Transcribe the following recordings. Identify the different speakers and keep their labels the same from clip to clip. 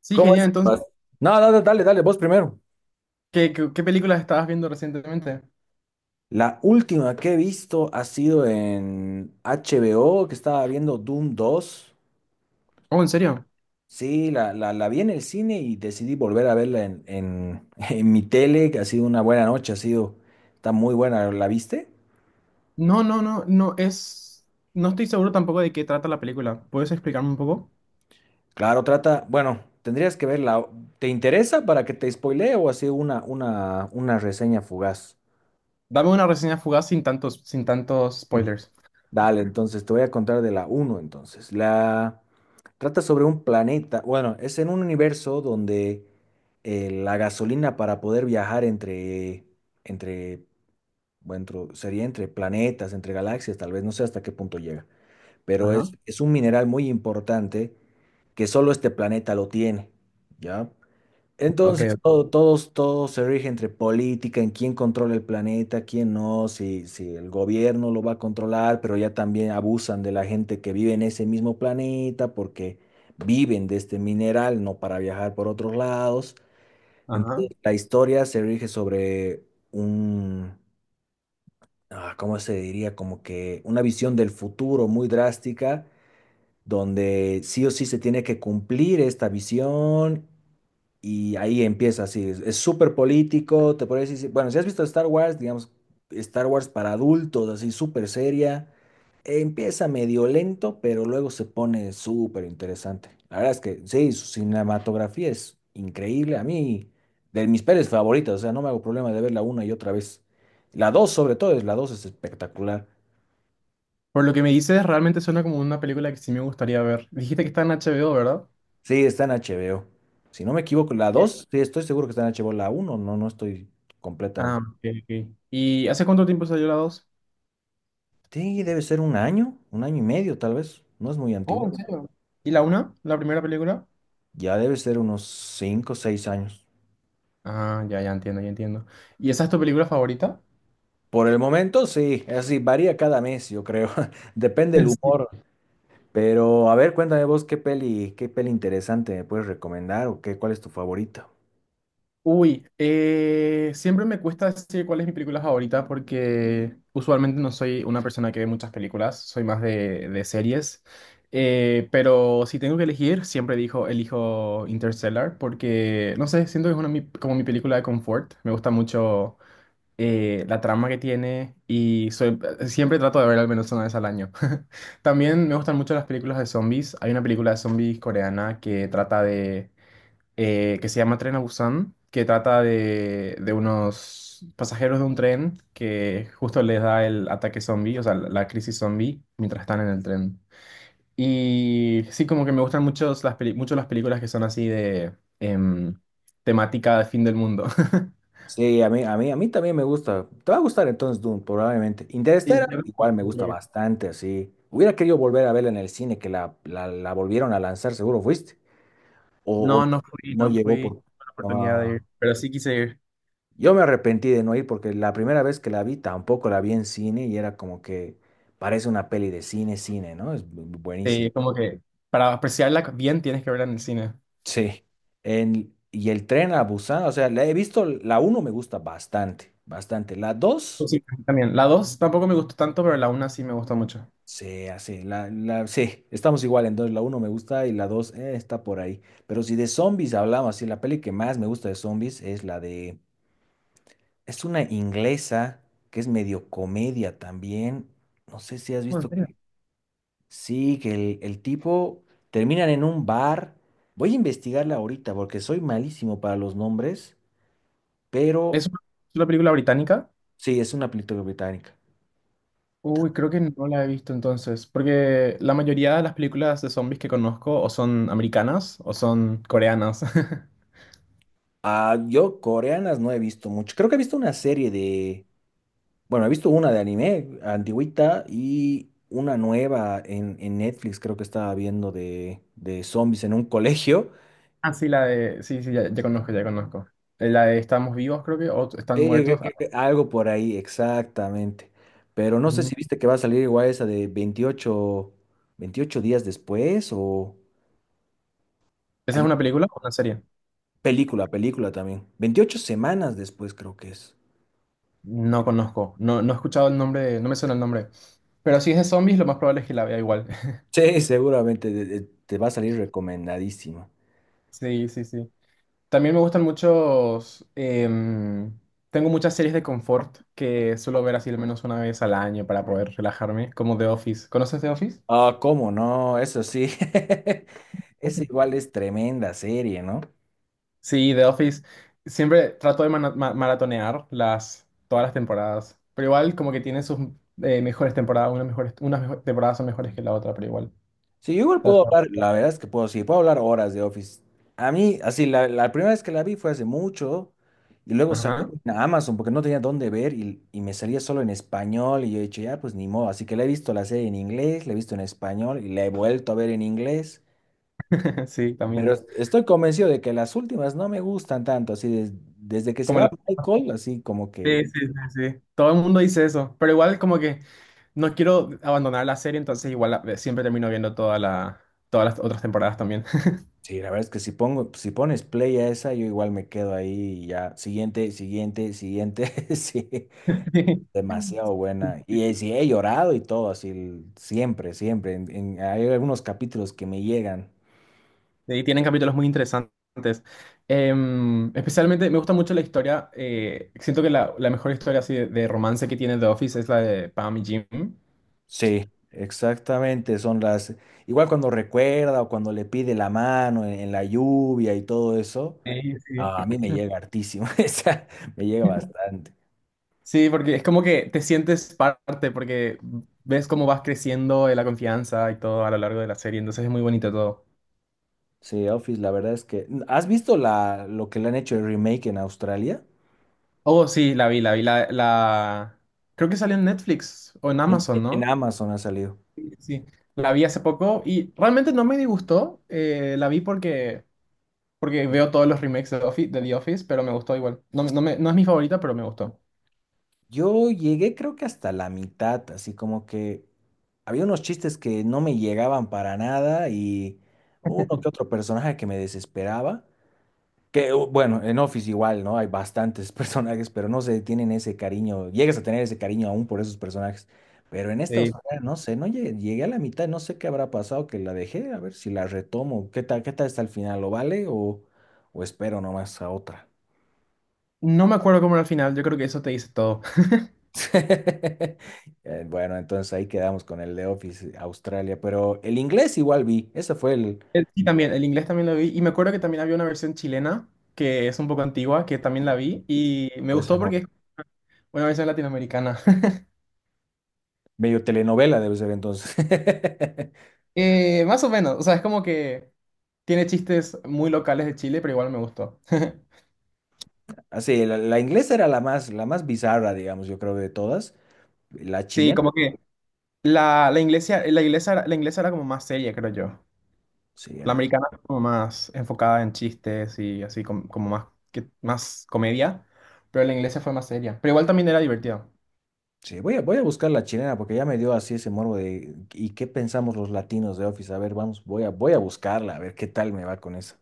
Speaker 1: Sí,
Speaker 2: ¿Cómo
Speaker 1: genial.
Speaker 2: es?
Speaker 1: Entonces,
Speaker 2: Vas. No, no, no, dale, dale, vos primero.
Speaker 1: ¿qué películas estabas viendo recientemente?
Speaker 2: La última que he visto ha sido en HBO, que estaba viendo Doom dos.
Speaker 1: Oh, ¿en serio?
Speaker 2: Sí, la vi en el cine y decidí volver a verla en mi tele, que ha sido una buena noche, ha sido, está muy buena, ¿la viste?
Speaker 1: No, no, no, no es. No estoy seguro tampoco de qué trata la película. ¿Puedes explicarme un poco?
Speaker 2: Claro, trata, bueno, tendrías que verla. ¿Te interesa para que te spoilee o así una reseña fugaz?
Speaker 1: Dame una reseña fugaz sin tantos spoilers.
Speaker 2: Dale, entonces te voy a contar de la uno entonces. La trata sobre un planeta, bueno, es en un universo donde la gasolina para poder viajar entre, bueno, sería entre planetas, entre galaxias, tal vez, no sé hasta qué punto llega, pero es,
Speaker 1: Ajá,
Speaker 2: es un mineral muy importante que solo este planeta lo tiene, ¿ya?
Speaker 1: ok,
Speaker 2: Entonces, todo se rige entre política, en quién controla el planeta, quién no, si el gobierno lo va a controlar, pero ya también abusan de la gente que vive en ese mismo planeta porque viven de este mineral, no para viajar por otros lados.
Speaker 1: ajá.
Speaker 2: Entonces, la historia se rige sobre un, ¿cómo se diría? Como que una visión del futuro muy drástica, donde sí o sí se tiene que cumplir esta visión y ahí empieza así, es súper político, te podría decir, bueno, si has visto Star Wars, digamos, Star Wars para adultos, así súper seria, empieza medio lento, pero luego se pone súper interesante. La verdad es que sí, su cinematografía es increíble, a mí, de mis pelis favoritas, o sea, no me hago problema de verla una y otra vez. La 2 sobre todo, es la 2 es espectacular.
Speaker 1: Por lo que me dices, realmente suena como una película que sí me gustaría ver. Dijiste que está en HBO, ¿verdad?
Speaker 2: Sí, está en HBO. Si no me equivoco, la
Speaker 1: Eh,
Speaker 2: 2 sí, estoy seguro que está en HBO, la uno no, no estoy
Speaker 1: Ah,
Speaker 2: completamente.
Speaker 1: ok, ok. ¿Y hace cuánto tiempo salió la 2?
Speaker 2: Sí, debe ser un año y medio tal vez, no es muy
Speaker 1: Oh,
Speaker 2: antiguo.
Speaker 1: ¿en serio? ¿Y la una? ¿La primera película?
Speaker 2: Ya debe ser unos 5, o 6 años.
Speaker 1: Ah, ya, ya entiendo, ya entiendo. ¿Y esa es tu película favorita?
Speaker 2: Por el momento sí, así varía cada mes, yo creo. Depende el humor. Pero a ver, cuéntame vos qué peli interesante me puedes recomendar o qué, cuál es tu favorita.
Speaker 1: Uy, siempre me cuesta decir cuál es mi película favorita porque usualmente no soy una persona que ve muchas películas, soy más de series. Pero si tengo que elegir, siempre dijo, elijo Interstellar porque, no sé, siento que es una, como mi película de confort. Me gusta mucho la trama que tiene y soy, siempre trato de ver al menos una vez al año. También me gustan mucho las películas de zombies. Hay una película de zombies coreana que trata de que se llama Tren a Busan, que trata de unos pasajeros de un tren que justo les da el ataque zombie, o sea, la crisis zombie, mientras están en el tren. Y sí, como que me gustan mucho mucho las películas que son así de temática de fin del mundo.
Speaker 2: Sí, a mí también me gusta. Te va a gustar entonces Dune, probablemente.
Speaker 1: Sí,
Speaker 2: Interstellar
Speaker 1: yo creo
Speaker 2: igual me gusta
Speaker 1: que-
Speaker 2: bastante, así. Hubiera querido volver a verla en el cine, que la volvieron a lanzar, seguro fuiste. O
Speaker 1: No, no fui,
Speaker 2: no
Speaker 1: no
Speaker 2: llegó
Speaker 1: fui
Speaker 2: por...
Speaker 1: con la oportunidad de
Speaker 2: Ah,
Speaker 1: ir, pero sí quise ir.
Speaker 2: yo me arrepentí de no ir porque la primera vez que la vi tampoco la vi en cine y era como que parece una peli de cine, cine, ¿no? Es bu- buenísimo.
Speaker 1: Sí, como que para apreciarla bien tienes que verla en el cine.
Speaker 2: Sí. Y el tren a Busan, o sea, la he visto, la uno me gusta bastante, bastante. La 2
Speaker 1: Sí, también. La dos tampoco me gustó tanto, pero la una sí me gustó mucho.
Speaker 2: sí, así, sí, estamos igual, entonces la uno me gusta y la 2 está por ahí. Pero si de zombies hablamos, sí, la peli que más me gusta de zombies es es una inglesa que es medio comedia también. No sé si has
Speaker 1: Oh, ¿en
Speaker 2: visto.
Speaker 1: serio?
Speaker 2: Sí, que el tipo terminan en un bar. Voy a investigarla ahorita porque soy malísimo para los nombres, pero
Speaker 1: ¿Es una ¿Es una película británica?
Speaker 2: sí, es una película británica.
Speaker 1: Uy, creo que no la he visto entonces, porque la mayoría de las películas de zombies que conozco o son americanas o son coreanas.
Speaker 2: Ah, yo coreanas no he visto mucho. Creo que he visto bueno, he visto una de anime antigüita y una nueva en Netflix, creo que estaba viendo de zombies en un colegio.
Speaker 1: Ah, sí, la de... Sí, sí, ya, ya conozco, ya conozco. La de Estamos vivos, creo que, o Están
Speaker 2: Sí, que-
Speaker 1: muertos. Ah,
Speaker 2: que- que algo por ahí, exactamente. Pero no sé si
Speaker 1: ujú.
Speaker 2: viste que va a salir igual esa de veintiocho días después o
Speaker 1: ¿Esa
Speaker 2: hay
Speaker 1: es una
Speaker 2: una
Speaker 1: película o una serie?
Speaker 2: película, película también. 28 semanas después creo que es.
Speaker 1: No conozco, no he escuchado el nombre, no me suena el nombre. Pero si es de zombies, lo más probable es que la vea igual.
Speaker 2: Sí, seguramente te va a salir recomendadísima.
Speaker 1: Sí, sí, sí. También me gustan muchos. Tengo muchas series de confort que suelo ver así al menos una vez al año para poder relajarme, como The Office. ¿Conoces The Office?
Speaker 2: Ah, ¿cómo no? Eso sí. Esa igual es tremenda serie, ¿no?
Speaker 1: Sí, The Office. Siempre trato de maratonear las, todas las temporadas. Pero igual como que tiene sus mejores temporadas. Unas mejores, temporadas son mejores que la otra, pero igual.
Speaker 2: Sí, yo igual puedo
Speaker 1: Trato-
Speaker 2: hablar, la verdad es que puedo, sí, puedo hablar horas de Office. A mí, así, la primera vez que la vi fue hace mucho y luego salí
Speaker 1: Ajá.
Speaker 2: en Amazon porque no tenía dónde ver y me salía solo en español y yo he dicho, ya, pues ni modo. Así que la he visto la serie en inglés, la he visto en español y la he vuelto a ver en inglés.
Speaker 1: Sí,
Speaker 2: Pero
Speaker 1: también.
Speaker 2: estoy convencido de que las últimas no me gustan tanto, así, desde que se
Speaker 1: Como
Speaker 2: va Michael, así como que,
Speaker 1: sí, sí. Todo el mundo dice eso, pero igual como que no quiero abandonar la serie, entonces igual la- siempre termino viendo toda la, todas las otras temporadas también.
Speaker 2: sí, la verdad es que si pongo, si pones play a esa, yo igual me quedo ahí y ya, siguiente, siguiente, siguiente. Sí. Demasiado buena. Y sí, he llorado y todo, así, siempre, siempre. Hay algunos capítulos que me llegan.
Speaker 1: Sí. Y tienen capítulos muy interesantes. Especialmente me gusta mucho la historia, siento que la mejor historia así de romance que tiene The Office es la de Pam y Jim.
Speaker 2: Sí, exactamente. Son las. Igual cuando recuerda o cuando le pide la mano en la lluvia y todo eso,
Speaker 1: Sí, sí.
Speaker 2: ah, a mí me llega hartísimo. O sea, me llega bastante.
Speaker 1: Sí, porque es como que te sientes parte, porque ves cómo vas creciendo la confianza y todo a lo largo de la serie, entonces es muy bonito todo.
Speaker 2: Sí, Office, la verdad es que. ¿Has visto lo que le han hecho el remake en Australia?
Speaker 1: Oh, sí, la vi, la vi, la, la... Creo que salió en Netflix o en
Speaker 2: En,
Speaker 1: Amazon,
Speaker 2: en
Speaker 1: ¿no?
Speaker 2: Amazon ha salido.
Speaker 1: Sí, sí, sí. La vi hace poco y realmente no me disgustó. La vi porque, porque veo todos los remakes de, de The Office, pero me gustó igual. No, no, no es mi favorita, pero me gustó.
Speaker 2: Yo llegué creo que hasta la mitad, así como que había unos chistes que no me llegaban para nada y uno que otro personaje que me desesperaba. Que bueno, en Office igual, ¿no? Hay bastantes personajes, pero no se tienen ese cariño, llegas a tener ese cariño aún por esos personajes. Pero en esta
Speaker 1: Sí.
Speaker 2: Australia, no sé, no llegué, llegué a la mitad, no sé qué habrá pasado que la dejé, a ver si la retomo. Qué tal está el final? ¿Lo vale o espero nomás a otra?
Speaker 1: No me acuerdo cómo era el final, yo creo que eso te dice todo.
Speaker 2: Bueno, entonces ahí quedamos con el de Office Australia, pero el inglés igual vi, esa fue el,
Speaker 1: El- Sí, también, el inglés también lo vi y me acuerdo que también había una versión chilena que es un poco antigua, que también la vi y me
Speaker 2: pues
Speaker 1: gustó porque
Speaker 2: no,
Speaker 1: es una versión latinoamericana.
Speaker 2: medio telenovela debe ser entonces.
Speaker 1: Más o menos, o sea, es como que tiene chistes muy locales de Chile, pero igual me gustó.
Speaker 2: Así, la inglesa era la más bizarra, digamos, yo creo de todas. La
Speaker 1: Sí,
Speaker 2: chilena,
Speaker 1: como que la inglesa era como más seria, creo yo.
Speaker 2: sí,
Speaker 1: La
Speaker 2: era.
Speaker 1: americana era como más enfocada en chistes y así como, más, que, más comedia, pero la inglesa fue más seria. Pero igual también era divertido.
Speaker 2: Sí, voy a buscar la chilena porque ya me dio así ese morbo de, ¿y qué pensamos los latinos de Office? A ver, vamos, voy a buscarla, a ver qué tal me va con esa.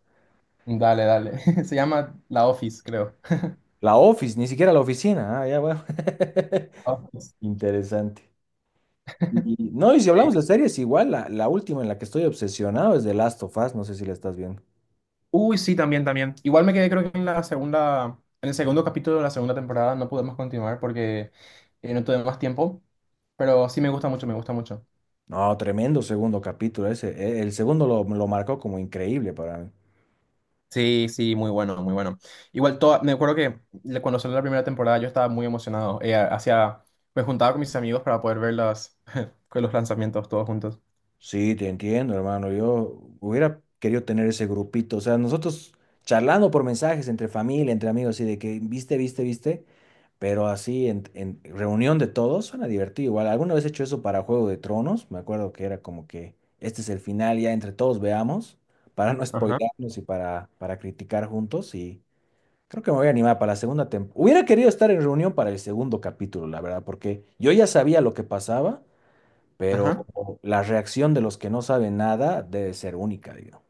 Speaker 1: Dale, dale. Se llama La Office, creo.
Speaker 2: La Office, ni siquiera la oficina, ah, ya bueno.
Speaker 1: Office.
Speaker 2: Interesante. Y, no, y si
Speaker 1: Sí.
Speaker 2: hablamos de series, igual la última en la que estoy obsesionado es The Last of Us, no sé si la estás viendo.
Speaker 1: Uy, sí, también, también. Igual me quedé, creo que en la segunda, en el segundo capítulo de la segunda temporada no pudimos continuar porque no tuve más tiempo. Pero sí me gusta mucho, me gusta mucho.
Speaker 2: No, tremendo segundo capítulo ese. El segundo lo marcó como increíble para mí.
Speaker 1: Sí, sí, muy bueno, muy bueno. Igual, toda, me acuerdo que cuando salió la primera temporada yo estaba muy emocionado. Hacía, me juntaba con mis amigos para poder ver las, con los lanzamientos todos juntos.
Speaker 2: Sí, te entiendo, hermano. Yo hubiera querido tener ese grupito. O sea, nosotros charlando por mensajes entre familia, entre amigos, así de que viste, viste, viste. Pero así, en reunión de todos, suena divertido. Igual, alguna vez he hecho eso para Juego de Tronos. Me acuerdo que era como que este es el final, ya entre todos veamos, para no
Speaker 1: Ajá,
Speaker 2: spoilearnos y para criticar juntos. Y creo que me voy a animar para la segunda temporada. Hubiera querido estar en reunión para el segundo capítulo, la verdad, porque yo ya sabía lo que pasaba, pero
Speaker 1: ajá.
Speaker 2: la reacción de los que no saben nada debe ser única, digo.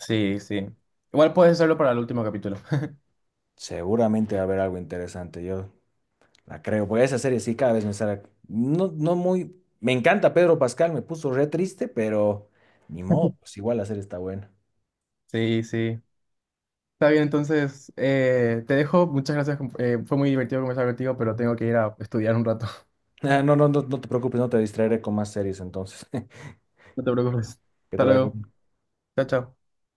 Speaker 1: Sí, sí. Igual puedes hacerlo para el último capítulo.
Speaker 2: Seguramente va a haber algo interesante. Yo, la creo, porque esa serie sí cada vez me sale. No, no muy. Me encanta Pedro Pascal, me puso re triste, pero ni modo, pues igual la serie está buena.
Speaker 1: Sí, sí. Está bien, entonces te dejo. Muchas gracias. Fue muy divertido conversar contigo, pero tengo que ir a estudiar un rato.
Speaker 2: Ah, no, no, no, no te preocupes, no te distraeré con más series entonces.
Speaker 1: No te preocupes.
Speaker 2: Que
Speaker 1: Hasta
Speaker 2: te vaya
Speaker 1: luego.
Speaker 2: bien.
Speaker 1: Chao, chao.